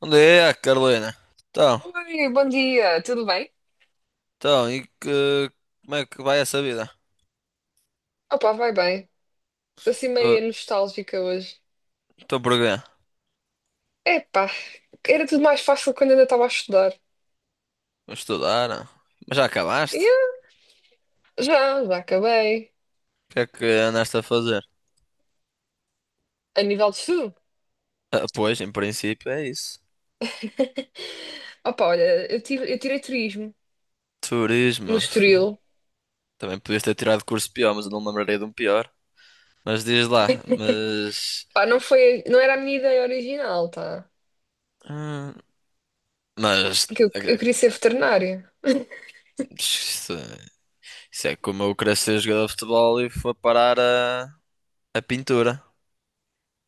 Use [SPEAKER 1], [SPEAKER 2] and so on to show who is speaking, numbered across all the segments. [SPEAKER 1] Onde é, Carolina? Então,
[SPEAKER 2] Oi, bom dia, tudo bem?
[SPEAKER 1] então, como é que vai essa vida?
[SPEAKER 2] Opa, vai bem. Estou assim
[SPEAKER 1] Uh,
[SPEAKER 2] meio nostálgica hoje.
[SPEAKER 1] Estou por quê?
[SPEAKER 2] Epá, era tudo mais fácil quando ainda estava a estudar.
[SPEAKER 1] Vou estudar? Ah. Mas já
[SPEAKER 2] Yeah,
[SPEAKER 1] acabaste?
[SPEAKER 2] já acabei.
[SPEAKER 1] O que é que andaste a fazer?
[SPEAKER 2] A nível de estudo.
[SPEAKER 1] Ah, pois, em princípio é isso.
[SPEAKER 2] Opa, olha, eu tirei turismo no
[SPEAKER 1] Turismo.
[SPEAKER 2] Estoril.
[SPEAKER 1] Também podias ter tirado curso pior, mas eu não me lembrarei de um pior. Mas diz lá
[SPEAKER 2] Pá, não foi, não era a minha ideia original, tá?
[SPEAKER 1] hum, mas...
[SPEAKER 2] Porque eu
[SPEAKER 1] eh,
[SPEAKER 2] queria ser veterinária.
[SPEAKER 1] Isso, isso é como eu querer ser jogador de futebol e foi parar a pintura.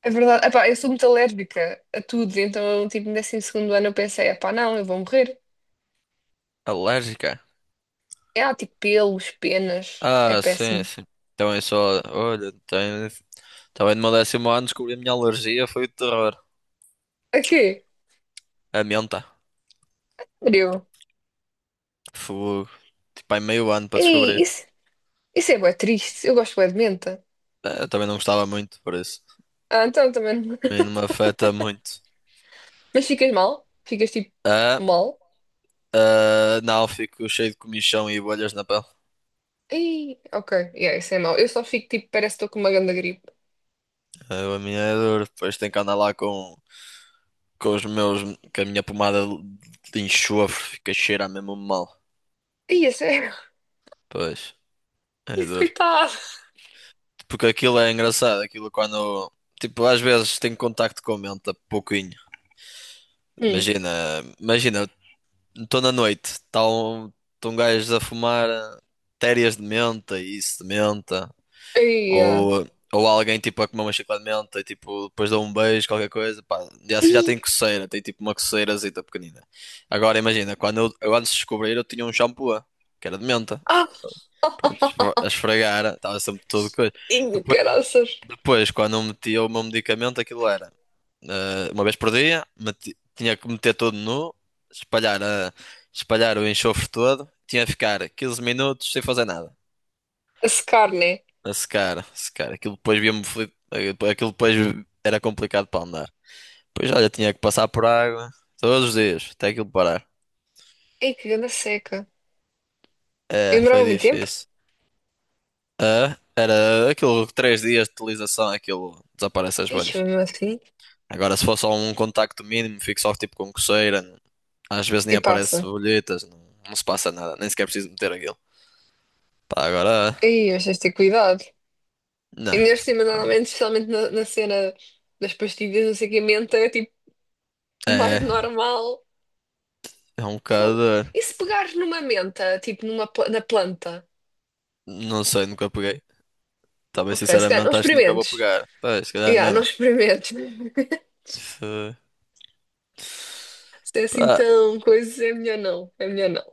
[SPEAKER 2] É verdade, epá, eu sou muito alérgica a tudo, então, tipo, no 12.º segundo ano eu pensei, epá, não, eu vou morrer.
[SPEAKER 1] Alérgica.
[SPEAKER 2] É, ah, tipo, pelos, penas, é
[SPEAKER 1] Ah, sim,
[SPEAKER 2] péssimo.
[SPEAKER 1] sim. Então é só. Olha. Também no meu décimo ano descobri a minha alergia, foi o terror.
[SPEAKER 2] A quê?
[SPEAKER 1] A menta.
[SPEAKER 2] Frio.
[SPEAKER 1] Fogo. Tipo, há meio ano para
[SPEAKER 2] Ei,
[SPEAKER 1] descobrir.
[SPEAKER 2] isso é bué triste. Eu gosto bué de menta.
[SPEAKER 1] Eu também não gostava muito, por isso.
[SPEAKER 2] Ah, então também.
[SPEAKER 1] A mim não me afeta muito.
[SPEAKER 2] Mas ficas mal? Ficas tipo
[SPEAKER 1] Ah,
[SPEAKER 2] mal?
[SPEAKER 1] ah, não, fico cheio de comichão e bolhas na pele.
[SPEAKER 2] Ei, ok. Yeah, isso é mau. Eu só fico tipo, parece que estou com uma grande gripe.
[SPEAKER 1] Ah, a minha é dura. Depois tenho que andar lá com os meus. Com a minha pomada de enxofre, fica cheira mesmo mal.
[SPEAKER 2] Ei, é sério?
[SPEAKER 1] Pois, é
[SPEAKER 2] Ih,
[SPEAKER 1] duro.
[SPEAKER 2] coitado.
[SPEAKER 1] Porque aquilo é engraçado, aquilo quando, tipo, às vezes tenho contacto com a mente pouquinho.
[SPEAKER 2] Hum.
[SPEAKER 1] Imagina, imagina, estou na noite, está um, tão gajos a fumar térias de menta e isso de menta,
[SPEAKER 2] Ei, ah.
[SPEAKER 1] ou, ou alguém tipo a comer uma chiclete de menta e tipo, depois dá um beijo, qualquer coisa, pá, já
[SPEAKER 2] Ih,
[SPEAKER 1] tem coceira, tem tipo uma coceirazita pequenina. Agora imagina, quando eu antes de descobrir eu tinha um shampoo, que era de menta.
[SPEAKER 2] ah.
[SPEAKER 1] Pronto, a esfregar, estava sempre todo coisa.
[SPEAKER 2] Ih, caraças.
[SPEAKER 1] Depois, quando eu metia o meu medicamento, aquilo era uma vez por dia, tinha que meter todo nu, espalhar, espalhar o enxofre todo, tinha que ficar 15 minutos sem fazer nada,
[SPEAKER 2] A secar, né?
[SPEAKER 1] a secar, a secar. Aquilo depois via-me, aquilo depois era complicado para andar. Depois, olha, tinha que passar por água todos os dias, até aquilo parar.
[SPEAKER 2] Ei, que grande seca. E
[SPEAKER 1] É, foi
[SPEAKER 2] demorava muito tempo?
[SPEAKER 1] difícil. É, era aquilo, 3 dias de utilização, aquilo desaparece as bolhas.
[SPEAKER 2] Ixi, mesmo assim.
[SPEAKER 1] Agora, se for só um contacto mínimo, fico só tipo com coceira. Às vezes nem
[SPEAKER 2] E
[SPEAKER 1] aparece
[SPEAKER 2] passa.
[SPEAKER 1] bolhetas, não, não se passa nada, nem sequer preciso meter aquilo. Pá, agora,
[SPEAKER 2] Ei, mas tens de ter cuidado. E
[SPEAKER 1] não.
[SPEAKER 2] neste cima, normalmente, especialmente na cena das pastilhas, não sei o que, a menta, é tipo mais
[SPEAKER 1] É,
[SPEAKER 2] normal.
[SPEAKER 1] é um
[SPEAKER 2] Fogo.
[SPEAKER 1] bocado.
[SPEAKER 2] E se pegares numa menta, tipo numa, na planta?
[SPEAKER 1] Não sei, nunca peguei. Talvez,
[SPEAKER 2] Ok, se calhar não
[SPEAKER 1] sinceramente, acho que nunca vou
[SPEAKER 2] experimentes.
[SPEAKER 1] pegar. Pá, se calhar é
[SPEAKER 2] Yeah,
[SPEAKER 1] melhor
[SPEAKER 2] não
[SPEAKER 1] não.
[SPEAKER 2] experimentes.
[SPEAKER 1] Se...
[SPEAKER 2] Se é assim
[SPEAKER 1] Pá,
[SPEAKER 2] tão coisa, é melhor não. É melhor não.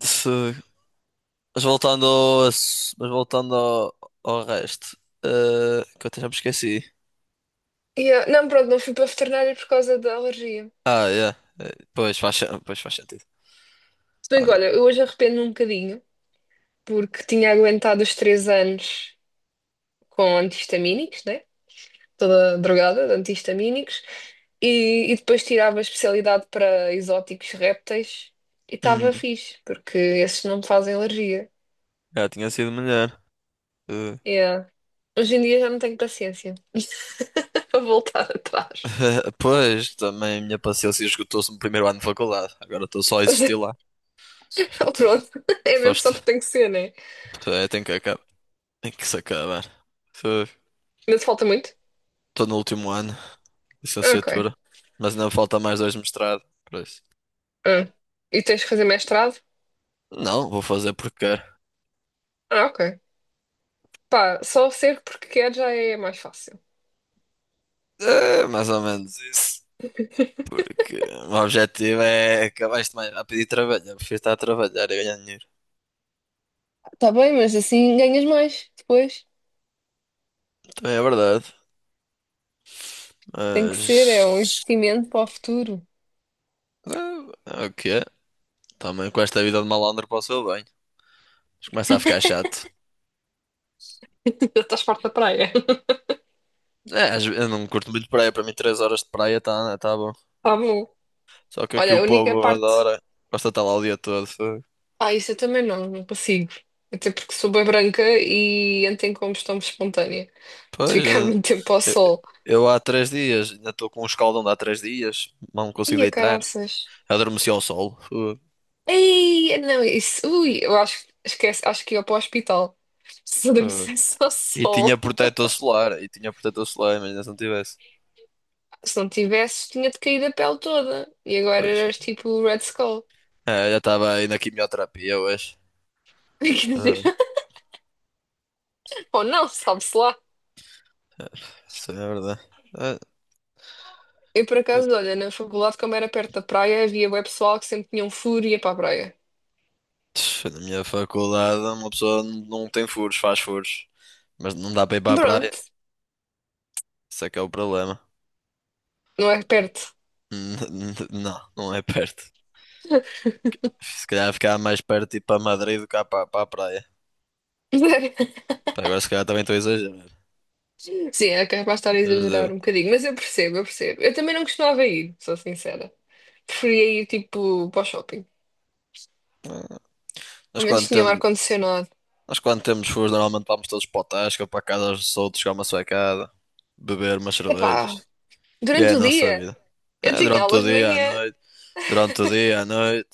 [SPEAKER 1] se... Mas voltando ao resto, que eu até já me esqueci.
[SPEAKER 2] Yeah, não, pronto, não fui para a veterinária por causa da alergia.
[SPEAKER 1] Ah, yeah. Pois faz sentido.
[SPEAKER 2] Se bem
[SPEAKER 1] Ah,
[SPEAKER 2] que, olha, eu hoje arrependo um bocadinho, porque tinha aguentado os três anos com antihistamínicos, né? Toda drogada de antihistamínicos. E depois tirava a especialidade para exóticos répteis e estava
[SPEAKER 1] hum,
[SPEAKER 2] fixe, porque esses não me fazem alergia.
[SPEAKER 1] já tinha sido melhor. Eh,
[SPEAKER 2] Yeah. Hoje em dia já não tenho paciência para voltar atrás.
[SPEAKER 1] Pois, também a minha paciência esgotou-se no primeiro ano de faculdade. Agora estou só a
[SPEAKER 2] Mas
[SPEAKER 1] existir
[SPEAKER 2] é-
[SPEAKER 1] lá.
[SPEAKER 2] pronto, é
[SPEAKER 1] Só
[SPEAKER 2] mesmo só
[SPEAKER 1] estou.
[SPEAKER 2] porque tem que ser, né?
[SPEAKER 1] É, tem que acabar. Tem que se acabar.
[SPEAKER 2] Ainda te falta muito?
[SPEAKER 1] Estou no último ano.
[SPEAKER 2] Ah, ok.
[SPEAKER 1] Licenciatura. Mas ainda falta mais dois mestrado. Por isso.
[SPEAKER 2] Ah. E tens que fazer mestrado?
[SPEAKER 1] Não, vou fazer porque quero.
[SPEAKER 2] Ah, ok. Pá, só ser porque quer já é mais fácil.
[SPEAKER 1] É mais ou menos isso. Porque o objetivo é acabar isto mais rápido e trabalhar. Eu prefiro estar a trabalhar e ganhar dinheiro.
[SPEAKER 2] Tá bem, mas assim ganhas mais depois.
[SPEAKER 1] Também é verdade.
[SPEAKER 2] Tem que ser, é um
[SPEAKER 1] Mas.
[SPEAKER 2] investimento para o futuro.
[SPEAKER 1] É, é o que é. Também com esta vida de malandro para o bem. Mas começa a ficar chato.
[SPEAKER 2] Já estás farta da praia.
[SPEAKER 1] É, eu não curto muito praia. Para mim, 3 horas de praia tá bom.
[SPEAKER 2] Tá bom.
[SPEAKER 1] Só que aqui
[SPEAKER 2] Olha,
[SPEAKER 1] o
[SPEAKER 2] a única
[SPEAKER 1] povo
[SPEAKER 2] parte.
[SPEAKER 1] adora. Gosta de estar lá o dia todo.
[SPEAKER 2] Ah, isso eu também não, não consigo. Até porque sou bem branca e entro em combustão espontânea. De
[SPEAKER 1] Pois,
[SPEAKER 2] ficar muito tempo ao
[SPEAKER 1] eu,
[SPEAKER 2] sol.
[SPEAKER 1] eu há 3 dias, ainda estou com um escaldão de há 3 dias, não
[SPEAKER 2] Ai,
[SPEAKER 1] consigo
[SPEAKER 2] a
[SPEAKER 1] deitar.
[SPEAKER 2] caraças.
[SPEAKER 1] Adormeci ao sol.
[SPEAKER 2] Ei, não, isso. Ui, eu acho, esquece, acho que ia para o hospital. Se
[SPEAKER 1] Eh,
[SPEAKER 2] adormecesse ao
[SPEAKER 1] E tinha
[SPEAKER 2] sol.
[SPEAKER 1] protetor solar, e tinha protetor solar, imagina se não tivesse.
[SPEAKER 2] Se não tivesse, tinha-te caído a pele toda. E agora
[SPEAKER 1] Pois,
[SPEAKER 2] eras tipo o Red Skull.
[SPEAKER 1] é, já estava aí na quimioterapia hoje.
[SPEAKER 2] Quer dizer,
[SPEAKER 1] Eh,
[SPEAKER 2] ou não, sabe-se lá.
[SPEAKER 1] Isso é verdade. Eh,
[SPEAKER 2] Eu, por
[SPEAKER 1] eh,
[SPEAKER 2] acaso, olha, na faculdade, como era perto da praia, havia bué pessoal que sempre tinham um e ia para a praia.
[SPEAKER 1] Na minha faculdade, uma pessoa não tem furos, faz furos. Mas não dá para ir para a praia.
[SPEAKER 2] Pronto,
[SPEAKER 1] Isso é que é o problema.
[SPEAKER 2] não é perto.
[SPEAKER 1] Não, não é perto. Se calhar ficava mais perto de ir para Madrid do que para a praia. Pá, agora se calhar também estou a exagerar.
[SPEAKER 2] Sim, é capaz de estar a
[SPEAKER 1] Mas,
[SPEAKER 2] exagerar um bocadinho, mas eu percebo, eu percebo. Eu também não costumava ir, sou sincera. Preferia ir tipo para o shopping.
[SPEAKER 1] Nós
[SPEAKER 2] Ao menos
[SPEAKER 1] quando
[SPEAKER 2] tinha um
[SPEAKER 1] temos,
[SPEAKER 2] ar-condicionado.
[SPEAKER 1] nós quando temos furos, normalmente vamos todos para o Tasca, para a casa dos outros, chegar uma suecada, beber umas
[SPEAKER 2] Epá,
[SPEAKER 1] cervejas. E é
[SPEAKER 2] durante
[SPEAKER 1] a
[SPEAKER 2] o
[SPEAKER 1] nossa
[SPEAKER 2] dia
[SPEAKER 1] vida.
[SPEAKER 2] eu
[SPEAKER 1] É,
[SPEAKER 2] tinha
[SPEAKER 1] durante o
[SPEAKER 2] aulas de
[SPEAKER 1] dia, à
[SPEAKER 2] manhã.
[SPEAKER 1] noite, durante o dia, à noite.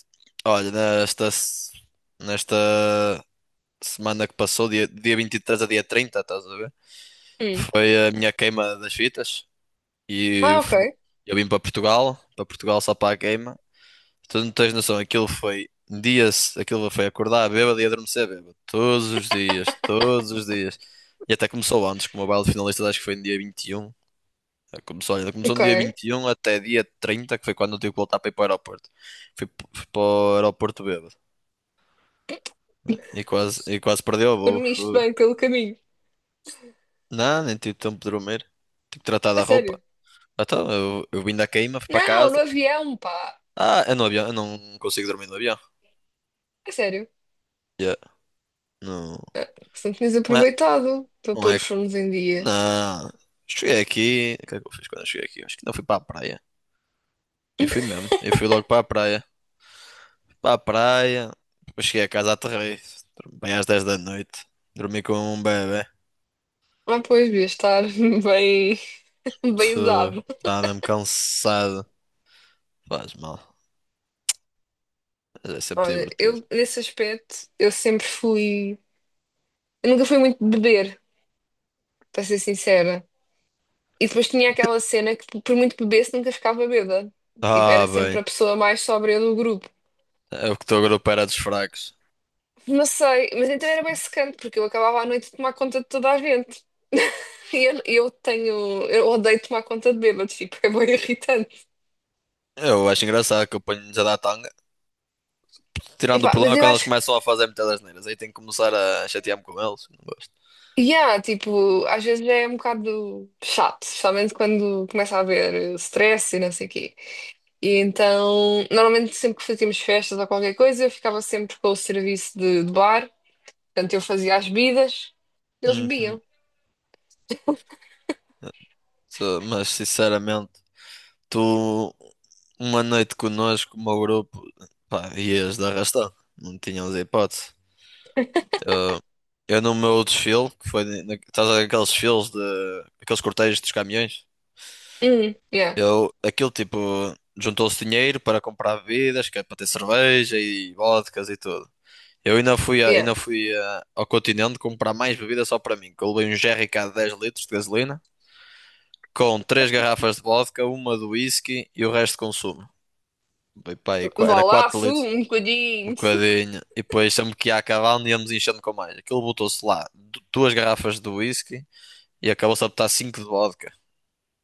[SPEAKER 1] Olha, nesta, se- nesta semana que passou, dia 23 a dia 30, estás a ver?
[SPEAKER 2] Hum.
[SPEAKER 1] Foi a minha queima das fitas. E
[SPEAKER 2] Ah, ok,
[SPEAKER 1] fo- eu vim para Portugal só para a queima. Tu não tens noção, aquilo foi dias, aquilo foi acordar bêbado e adormecer bêbado. Todos os dias, todos os dias. E até começou antes, como o baile de finalistas acho que foi no dia 21. Começou, olha, começou
[SPEAKER 2] ok.
[SPEAKER 1] no dia 21 até dia 30 que foi quando eu tive que voltar para ir para o aeroporto. Fui para o aeroporto bêbado. E quase perdeu o voo.
[SPEAKER 2] Dormiste bem pelo caminho.
[SPEAKER 1] Não, nem tive tempo de dormir. Tive que tratar
[SPEAKER 2] A
[SPEAKER 1] da roupa.
[SPEAKER 2] sério.
[SPEAKER 1] Então, eu vim da queima, fui para
[SPEAKER 2] Não, no
[SPEAKER 1] casa.
[SPEAKER 2] avião, pá.
[SPEAKER 1] Ah, é no avião, eu não consigo dormir no avião.
[SPEAKER 2] A sério.
[SPEAKER 1] Yeah. Não,
[SPEAKER 2] Ah, que se não tinhas
[SPEAKER 1] não é,
[SPEAKER 2] aproveitado para
[SPEAKER 1] não
[SPEAKER 2] pôr
[SPEAKER 1] é
[SPEAKER 2] os fones em dia.
[SPEAKER 1] Não, cheguei aqui. O que é que eu fiz quando eu cheguei aqui? Acho que não fui para a praia. E fui mesmo. Eu fui logo para a praia. Fui para a praia. Depois cheguei a casa, aterrei. Dormi bem às 10 da noite. Dormi como um bebé.
[SPEAKER 2] Ah, pois, devia estar bem, bem usado.
[SPEAKER 1] Estava mesmo cansado. Faz mal. Mas é sempre
[SPEAKER 2] Olha,
[SPEAKER 1] divertido.
[SPEAKER 2] eu nesse aspecto eu sempre fui. Eu nunca fui muito beber, para ser sincera. E depois tinha aquela cena que, por muito que bebesse, nunca ficava bêbada. Tipo, era
[SPEAKER 1] Ah,
[SPEAKER 2] sempre
[SPEAKER 1] bem.
[SPEAKER 2] a pessoa mais sóbria do grupo.
[SPEAKER 1] É o que estou agora para dos fracos.
[SPEAKER 2] Não sei, mas então era bem secante, porque eu acabava à noite de tomar conta de toda a gente. E eu tenho. Eu odeio tomar conta de bêbados, tipo, é bem irritante.
[SPEAKER 1] Eu acho engraçado que eu ponho-lhes a dar tanga. Tirando o
[SPEAKER 2] Epá, mas
[SPEAKER 1] problema
[SPEAKER 2] eu
[SPEAKER 1] quando eles
[SPEAKER 2] acho.
[SPEAKER 1] começam a fazer muitas asneiras. Aí tenho que começar a chatear-me com eles. Não gosto.
[SPEAKER 2] Yeah, tipo, às vezes é um bocado chato, especialmente quando começa a haver stress e não sei o quê. E então, normalmente sempre que fazíamos festas ou qualquer coisa, eu ficava sempre com o serviço de bar. Portanto, eu fazia as bebidas, eles
[SPEAKER 1] Uhum.
[SPEAKER 2] bebiam.
[SPEAKER 1] Mas sinceramente, tu uma noite connosco, o meu grupo, pá, ias de arrastão, não tínhamos hipótese. Eu no meu desfile, que foi na, estás a ver aqueles desfiles de aqueles cortejos dos caminhões,
[SPEAKER 2] Yeah,
[SPEAKER 1] eu aquilo tipo juntou-se dinheiro para comprar bebidas, que é para ter cerveja e vodkas e tudo. Eu ainda fui, a-
[SPEAKER 2] yeah.
[SPEAKER 1] ainda fui a- ao continente comprar mais bebida só para mim, que eu levei um jerrycan de 10 litros de gasolina, com 3 garrafas de vodka, uma de whisky e o resto de consumo. Foi pá, aí
[SPEAKER 2] Vá
[SPEAKER 1] era
[SPEAKER 2] lá,
[SPEAKER 1] 4
[SPEAKER 2] sumo
[SPEAKER 1] litros,
[SPEAKER 2] um
[SPEAKER 1] um
[SPEAKER 2] bocadinho.
[SPEAKER 1] bocadinho. E depois sempre que ia acabando íamos enchendo com mais. Aquilo botou-se lá 2 garrafas de whisky e acabou-se a botar 5 de vodka.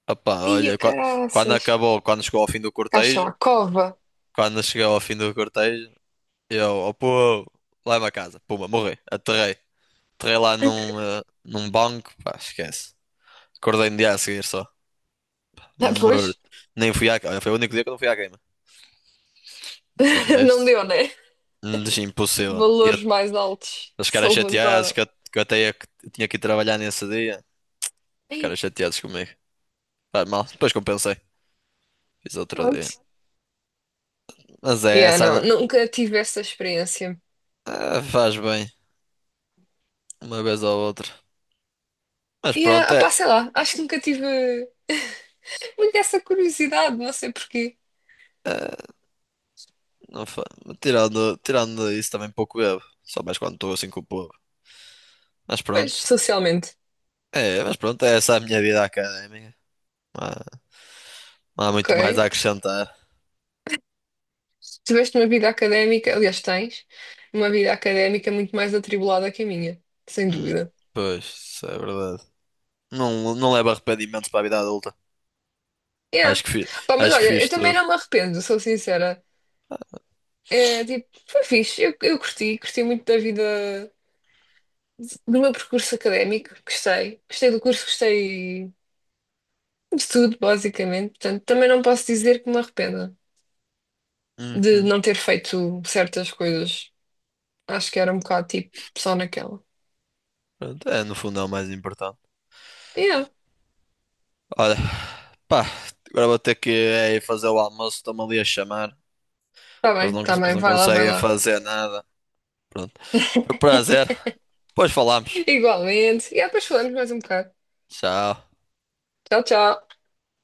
[SPEAKER 1] Opá,
[SPEAKER 2] Ia
[SPEAKER 1] olha, qua- quando,
[SPEAKER 2] caraças.
[SPEAKER 1] acabou, quando chegou ao fim do
[SPEAKER 2] Caixa
[SPEAKER 1] cortejo,
[SPEAKER 2] à cova.
[SPEAKER 1] quando chegou ao fim do cortejo, eu, oh, pô, lá é uma casa, puma, morri, aterrei. Entrei lá num banco, pá, esquece. Acordei no dia a seguir só.
[SPEAKER 2] Ah,
[SPEAKER 1] Morto.
[SPEAKER 2] pois,
[SPEAKER 1] Nem fui à queima. Foi o único dia que eu não fui à queima. Mas de
[SPEAKER 2] não
[SPEAKER 1] resto,
[SPEAKER 2] deu, né?
[SPEAKER 1] deixa impossível. E eu-
[SPEAKER 2] Valores mais altos
[SPEAKER 1] eles
[SPEAKER 2] se
[SPEAKER 1] ficaram chateados
[SPEAKER 2] levantaram.
[SPEAKER 1] que que tinha que ir trabalhar nesse dia. Eles ficaram
[SPEAKER 2] Ei,
[SPEAKER 1] chateados comigo. Faz mal. Depois compensei. Fiz outro
[SPEAKER 2] pronto.
[SPEAKER 1] dia. Mas é
[SPEAKER 2] Yeah,
[SPEAKER 1] essa.
[SPEAKER 2] não,
[SPEAKER 1] não-
[SPEAKER 2] nunca tive essa experiência.
[SPEAKER 1] ah, faz bem. Uma vez ou outra. Mas
[SPEAKER 2] E,
[SPEAKER 1] pronto,
[SPEAKER 2] ah,
[SPEAKER 1] é.
[SPEAKER 2] pá, sei lá, acho que nunca tive muito essa curiosidade, não sei porquê.
[SPEAKER 1] É, não fa... tirando, tirando isso também pouco bebo. Só mais quando estou assim com o povo. Mas
[SPEAKER 2] Pois,
[SPEAKER 1] pronto.
[SPEAKER 2] socialmente.
[SPEAKER 1] É, mas pronto, é essa a minha vida académica. Ah, não há
[SPEAKER 2] Ok.
[SPEAKER 1] muito mais a acrescentar.
[SPEAKER 2] Se tiveste uma vida académica, aliás, tens uma vida académica muito mais atribulada que a minha, sem
[SPEAKER 1] Hum,
[SPEAKER 2] dúvida.
[SPEAKER 1] Pois, isso é verdade. Não, não leva arrependimentos para a vida adulta.
[SPEAKER 2] Yeah.
[SPEAKER 1] Acho que fiz,
[SPEAKER 2] Pá, mas
[SPEAKER 1] acho que
[SPEAKER 2] olha,
[SPEAKER 1] fiz
[SPEAKER 2] eu também
[SPEAKER 1] tudo.
[SPEAKER 2] não me arrependo, sou sincera. É tipo, foi fixe, eu curti, curti muito da vida, do meu percurso académico, gostei, gostei do curso, gostei de tudo, basicamente. Portanto, também não posso dizer que me arrependa de
[SPEAKER 1] Uhum.
[SPEAKER 2] não ter feito certas coisas. Acho que era um bocado tipo, só naquela.
[SPEAKER 1] Pronto, é, no fundo é o mais importante.
[SPEAKER 2] Yeah,
[SPEAKER 1] Olha, pá, agora vou ter que é, ir fazer o almoço. Estão-me ali a chamar. Eles não,
[SPEAKER 2] tá
[SPEAKER 1] cons- eles
[SPEAKER 2] bem,
[SPEAKER 1] não
[SPEAKER 2] vai lá, vai
[SPEAKER 1] conseguem
[SPEAKER 2] lá.
[SPEAKER 1] fazer nada. Pronto. Foi um prazer. Depois falamos.
[SPEAKER 2] Igualmente. E depois falamos mais um bocado.
[SPEAKER 1] Tchau.
[SPEAKER 2] Tchau, tchau.